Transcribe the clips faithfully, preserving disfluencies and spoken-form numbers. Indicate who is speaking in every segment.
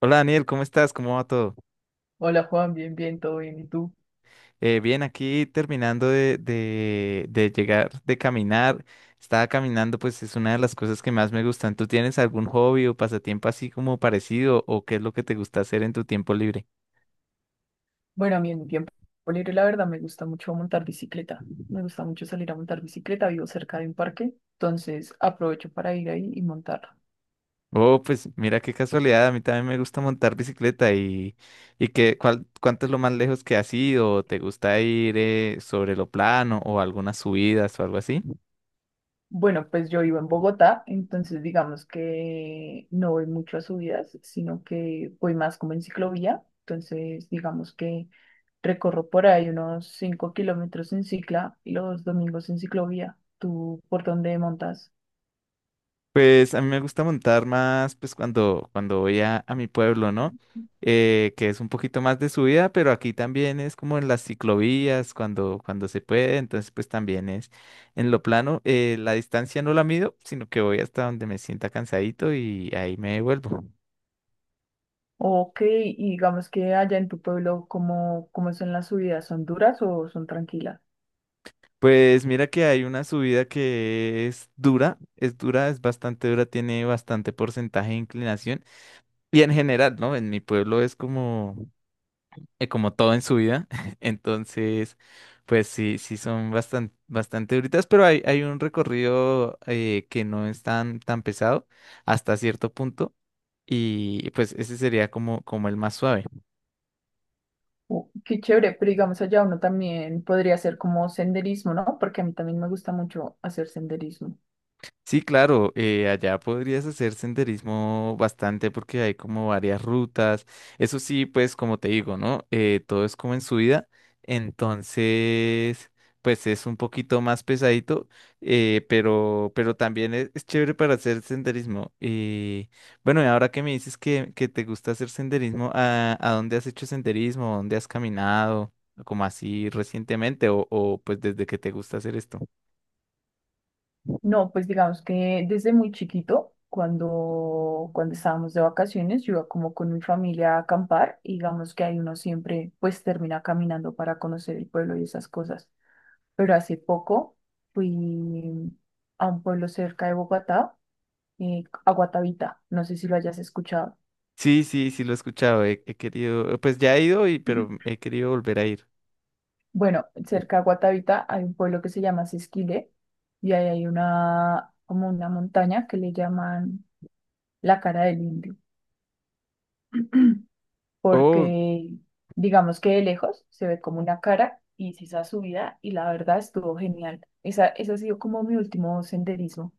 Speaker 1: Hola Daniel, ¿cómo estás? ¿Cómo va todo?
Speaker 2: Hola Juan, bien, bien, todo bien. ¿Y tú?
Speaker 1: Eh, bien, aquí terminando de, de, de llegar, de caminar. Estaba caminando, pues es una de las cosas que más me gustan. ¿Tú tienes algún hobby o pasatiempo así como parecido o qué es lo que te gusta hacer en tu tiempo libre?
Speaker 2: Bueno, a mí en mi tiempo libre, la verdad, me gusta mucho montar bicicleta. Me gusta mucho salir a montar bicicleta. Vivo cerca de un parque, entonces aprovecho para ir ahí y montar.
Speaker 1: Oh, pues mira qué casualidad, a mí también me gusta montar bicicleta y, y qué, cuál, ¿Cuánto es lo más lejos que has ido? ¿Te gusta ir eh, sobre lo plano o algunas subidas o algo así?
Speaker 2: Bueno, pues yo vivo en Bogotá, entonces digamos que no voy mucho a subidas, sino que voy más como en ciclovía. Entonces, digamos que recorro por ahí unos cinco kilómetros en cicla y los domingos en ciclovía. ¿Tú por dónde montas?
Speaker 1: Pues a mí me gusta montar más, pues cuando, cuando voy a, a mi pueblo, ¿no? Eh, que es un poquito más de subida, pero aquí también es como en las ciclovías, cuando, cuando se puede, entonces pues también es en lo plano. Eh, la distancia no la mido, sino que voy hasta donde me sienta cansadito y ahí me devuelvo.
Speaker 2: Ok, y digamos que allá en tu pueblo, ¿cómo, cómo son las subidas? ¿Son duras o son tranquilas?
Speaker 1: Pues mira que hay una subida que es dura, es dura, es bastante dura, tiene bastante porcentaje de inclinación. Y en general, ¿no? En mi pueblo es como... eh, como todo en su vida. Entonces, pues sí, sí son bastante, bastante duritas, pero hay, hay un recorrido eh, que no es tan, tan pesado hasta cierto punto. Y pues ese sería como, como el más suave.
Speaker 2: Oh, qué chévere, pero digamos allá uno también podría hacer como senderismo, ¿no? Porque a mí también me gusta mucho hacer senderismo.
Speaker 1: Sí, claro, eh, allá podrías hacer senderismo bastante porque hay como varias rutas. Eso sí, pues como te digo, ¿no? Eh, todo es como en subida, entonces, pues es un poquito más pesadito, eh, pero, pero también es, es chévere para hacer senderismo. Y bueno, y ahora que me dices que, que te gusta hacer senderismo, ¿a, a dónde has hecho senderismo? ¿Dónde has caminado? Como así recientemente o, o pues desde que te gusta hacer esto.
Speaker 2: No, pues digamos que desde muy chiquito, cuando, cuando estábamos de vacaciones, yo iba como con mi familia a acampar y digamos que ahí uno siempre pues termina caminando para conocer el pueblo y esas cosas. Pero hace poco fui a un pueblo cerca de Bogotá, eh, a Guatavita. No sé si lo hayas escuchado.
Speaker 1: Sí, sí, sí, lo he escuchado. He, he querido, pues ya he ido, y, pero he querido volver a ir.
Speaker 2: Bueno, cerca de Guatavita hay un pueblo que se llama Sesquile y ahí hay una, como una montaña que le llaman la cara del indio,
Speaker 1: Oh,
Speaker 2: porque digamos que de lejos se ve como una cara y hice esa subida y la verdad estuvo genial. Esa, ese ha sido como mi último senderismo.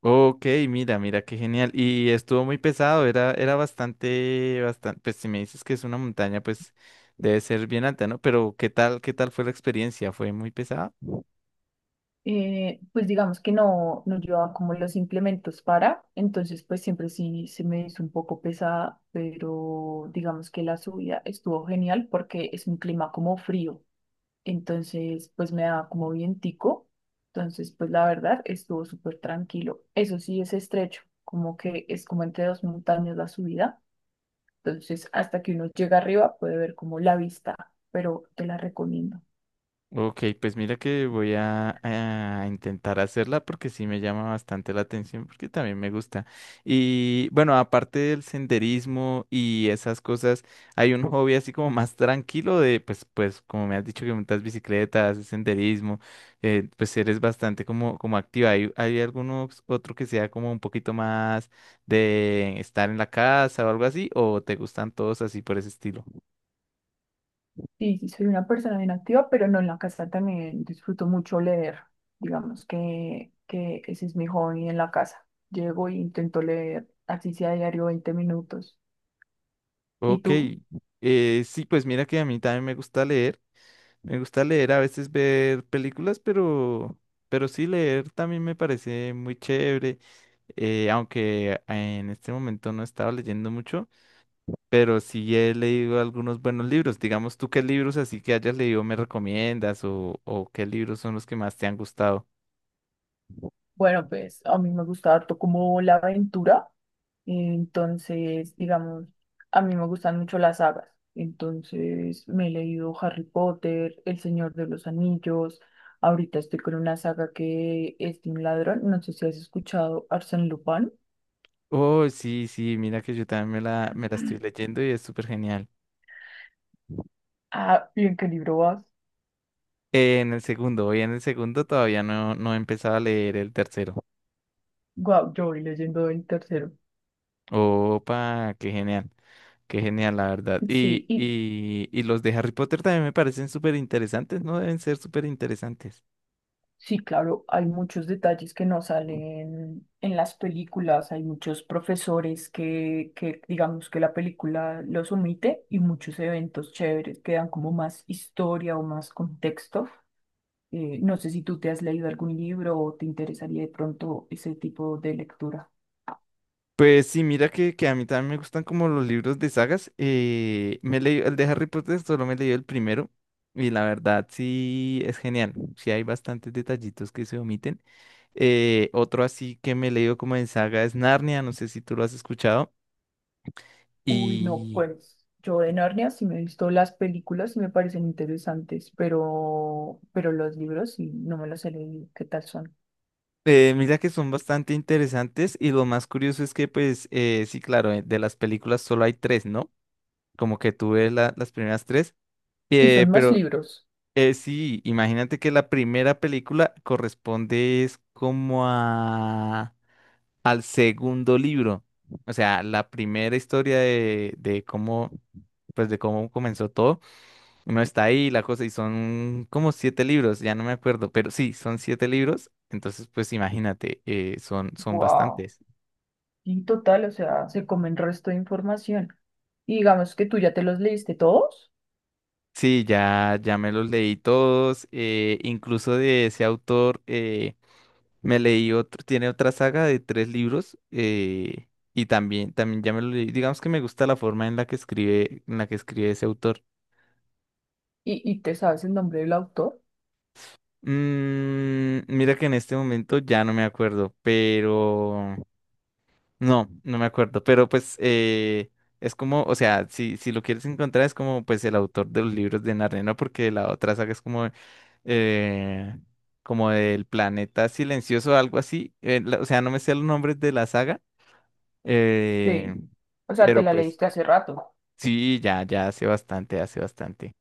Speaker 1: Ok, mira, mira, qué genial. Y estuvo muy pesado, era, era bastante, bastante, pues si me dices que es una montaña, pues debe ser bien alta, ¿no? Pero ¿qué tal, qué tal fue la experiencia? ¿Fue muy pesada?
Speaker 2: eh, pues digamos que no, no llevaba como los implementos para, entonces pues siempre sí se me hizo un poco pesada, pero digamos que la subida estuvo genial porque es un clima como frío, entonces pues me daba como vientico, entonces pues la verdad estuvo súper tranquilo. Eso sí es estrecho, como que es como entre dos montañas la subida, entonces hasta que uno llega arriba puede ver como la vista, pero te la recomiendo.
Speaker 1: Ok, pues mira que voy a, a intentar hacerla porque sí me llama bastante la atención porque también me gusta. Y bueno, aparte del senderismo y esas cosas, hay un hobby así como más tranquilo de, pues, pues, como me has dicho que montas bicicletas, haces senderismo, eh, pues eres bastante como, como activa. ¿Hay, hay alguno otro que sea como un poquito más de estar en la casa o algo así? ¿O te gustan todos así por ese estilo?
Speaker 2: Sí, sí, soy una persona bien activa, pero no en la casa también disfruto mucho leer. Digamos que, que ese es mi hobby en la casa. Llego e intento leer, así sea diario veinte minutos. ¿Y
Speaker 1: Ok,
Speaker 2: tú?
Speaker 1: eh, sí, pues mira que a mí también me gusta leer, me gusta leer, a veces ver películas, pero, pero sí leer también me parece muy chévere, eh, aunque en este momento no he estado leyendo mucho, pero sí he leído algunos buenos libros. Digamos, ¿tú qué libros así que hayas leído me recomiendas o, o qué libros son los que más te han gustado?
Speaker 2: Bueno, pues a mí me gusta harto como la aventura. Entonces, digamos, a mí me gustan mucho las sagas. Entonces, me he leído Harry Potter, El Señor de los Anillos. Ahorita estoy con una saga que es de un ladrón. No sé si has escuchado Arsène Lupin.
Speaker 1: Oh, sí, sí, mira que yo también me la, me la estoy leyendo y es súper genial.
Speaker 2: Ah, ¿y en qué libro vas?
Speaker 1: Eh, en el segundo, voy en el segundo todavía no, no he empezado a leer el tercero.
Speaker 2: Guau, yo voy leyendo el tercero.
Speaker 1: Opa, qué genial, qué genial, la verdad.
Speaker 2: Sí,
Speaker 1: Y,
Speaker 2: y
Speaker 1: y, y los de Harry Potter también me parecen súper interesantes, ¿no? Deben ser súper interesantes.
Speaker 2: sí, claro, hay muchos detalles que no salen en las películas, hay muchos profesores que, que digamos que la película los omite y muchos eventos chéveres que dan como más historia o más contexto. Eh, no sé si tú te has leído algún libro o te interesaría de pronto ese tipo de lectura.
Speaker 1: Pues sí, mira que, que a mí también me gustan como los libros de sagas. eh, me he leído el de Harry Potter, solo me he leído el primero. Y la verdad sí es genial. Sí hay bastantes detallitos que se omiten. Eh, otro así que me he leído como en saga es Narnia, no sé si tú lo has escuchado.
Speaker 2: Uy, no,
Speaker 1: Y
Speaker 2: pues yo de Narnia sí me he visto las películas y me parecen interesantes, pero, pero los libros sí no me los he leído. ¿Qué tal son?
Speaker 1: eh, mira que son bastante interesantes. Y lo más curioso es que pues eh, sí, claro, eh, de las películas solo hay tres, ¿no? Como que tú ves la- las primeras tres.
Speaker 2: Y
Speaker 1: Eh,
Speaker 2: son más
Speaker 1: pero
Speaker 2: libros.
Speaker 1: Eh, sí, imagínate que la primera película corresponde es como a al segundo libro. O sea, la primera historia de, de cómo, pues de cómo comenzó todo. Uno está ahí, la cosa, y son como siete libros, ya no me acuerdo, pero sí, son siete libros. Entonces, pues imagínate, eh, son, son
Speaker 2: Wow.
Speaker 1: bastantes.
Speaker 2: Y total, o sea, se comen resto de información. Y digamos que tú ya te los leíste todos
Speaker 1: Sí, ya, ya me los leí todos. eh, incluso de ese autor. eh, Me leí otro, tiene otra saga de tres libros eh, y también, también ya me lo leí. Digamos que me gusta la forma en la que escribe, en la que escribe ese autor.
Speaker 2: y, y te sabes el nombre del autor.
Speaker 1: Mm, mira que en este momento ya no me acuerdo, pero no, no me acuerdo. Pero pues eh, es como, o sea, si, si lo quieres encontrar es como pues el autor de los libros de Narnia, ¿no? Porque la otra saga es como eh, como del planeta silencioso, algo así. Eh, la- o sea, no me sé los nombres de la saga. Eh,
Speaker 2: Sí. O sea, te
Speaker 1: Pero
Speaker 2: la
Speaker 1: pues
Speaker 2: leíste hace rato.
Speaker 1: sí, ya, ya hace bastante, hace bastante.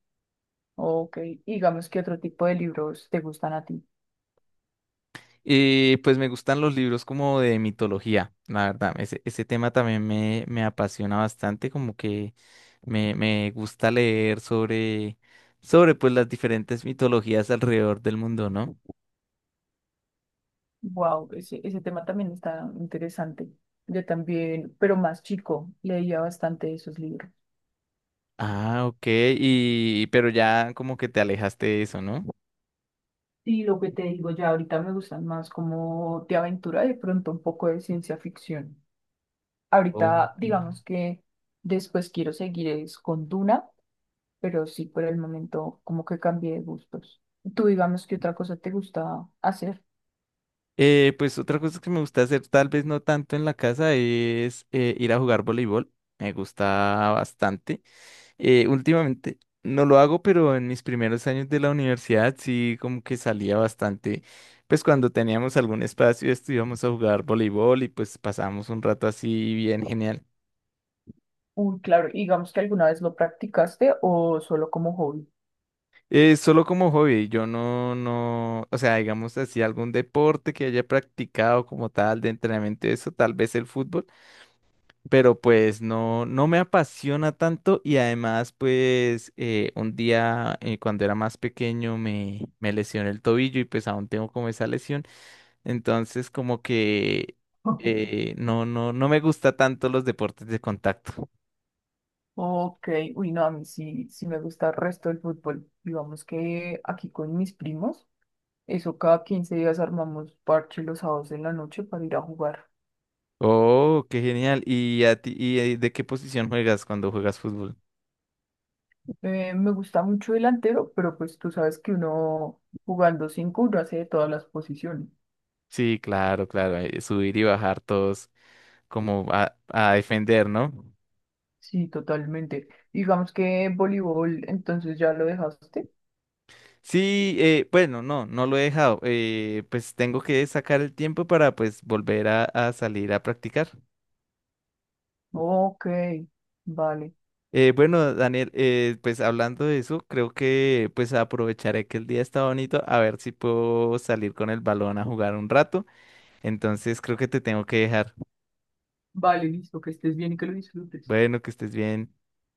Speaker 2: Ok. Y digamos que otro tipo de libros te gustan a ti.
Speaker 1: Y pues me gustan los libros como de mitología, la verdad. Ese, ese tema también me, me apasiona bastante, como que me, me gusta leer sobre, sobre pues las diferentes mitologías alrededor del mundo, ¿no?
Speaker 2: Wow, ese, ese tema también está interesante. Yo también, pero más chico, leía bastante esos libros.
Speaker 1: Ah, ok, y pero ya como que te alejaste de eso, ¿no?
Speaker 2: Y lo que te digo, ya ahorita me gustan más como de aventura, de pronto un poco de ciencia ficción. Ahorita,
Speaker 1: Ok.
Speaker 2: digamos que después quiero seguir es con Duna, pero sí por el momento como que cambié de gustos. Tú digamos que otra cosa te gusta hacer.
Speaker 1: Eh, pues otra cosa que me gusta hacer, tal vez no tanto en la casa, es eh, ir a jugar voleibol. Me gusta bastante. Eh, últimamente no lo hago, pero en mis primeros años de la universidad sí como que salía bastante. Pues cuando teníamos algún espacio, estuvimos a jugar voleibol y pues pasábamos un rato así bien genial.
Speaker 2: Uy, claro, y digamos que alguna vez lo practicaste o solo como hobby.
Speaker 1: Eh, solo como hobby, yo no, no, o sea, digamos así, algún deporte que haya practicado como tal de entrenamiento, eso, tal vez el fútbol. Pero pues no, no me apasiona tanto y además pues eh, un día eh, cuando era más pequeño me, me lesioné el tobillo y pues aún tengo como esa lesión, entonces como que eh, no, no, no me gusta tanto los deportes de contacto.
Speaker 2: Ok, uy, no, a mí sí, sí me gusta el resto del fútbol. Digamos que aquí con mis primos, eso cada quince días armamos parche los sábados en la noche para ir a jugar.
Speaker 1: Oh, qué genial. ¿Y a ti, y eh, de qué posición juegas cuando juegas fútbol?
Speaker 2: Eh, me gusta mucho delantero, pero pues tú sabes que uno jugando cinco, uno hace de todas las posiciones.
Speaker 1: Sí, claro, claro, eh, subir y bajar todos como a, a defender, ¿no?
Speaker 2: Sí, totalmente. Digamos que voleibol, entonces ya lo dejaste.
Speaker 1: Sí, eh, bueno, no, no lo he dejado. eh, pues tengo que sacar el tiempo para pues volver a, a salir a practicar.
Speaker 2: Ok, vale,
Speaker 1: Eh, bueno, Daniel, eh, pues hablando de eso, creo que pues aprovecharé que el día está bonito a ver si puedo salir con el balón a jugar un rato. Entonces creo que te tengo que dejar.
Speaker 2: vale, listo, que estés bien y que lo disfrutes.
Speaker 1: Bueno, que estés bien.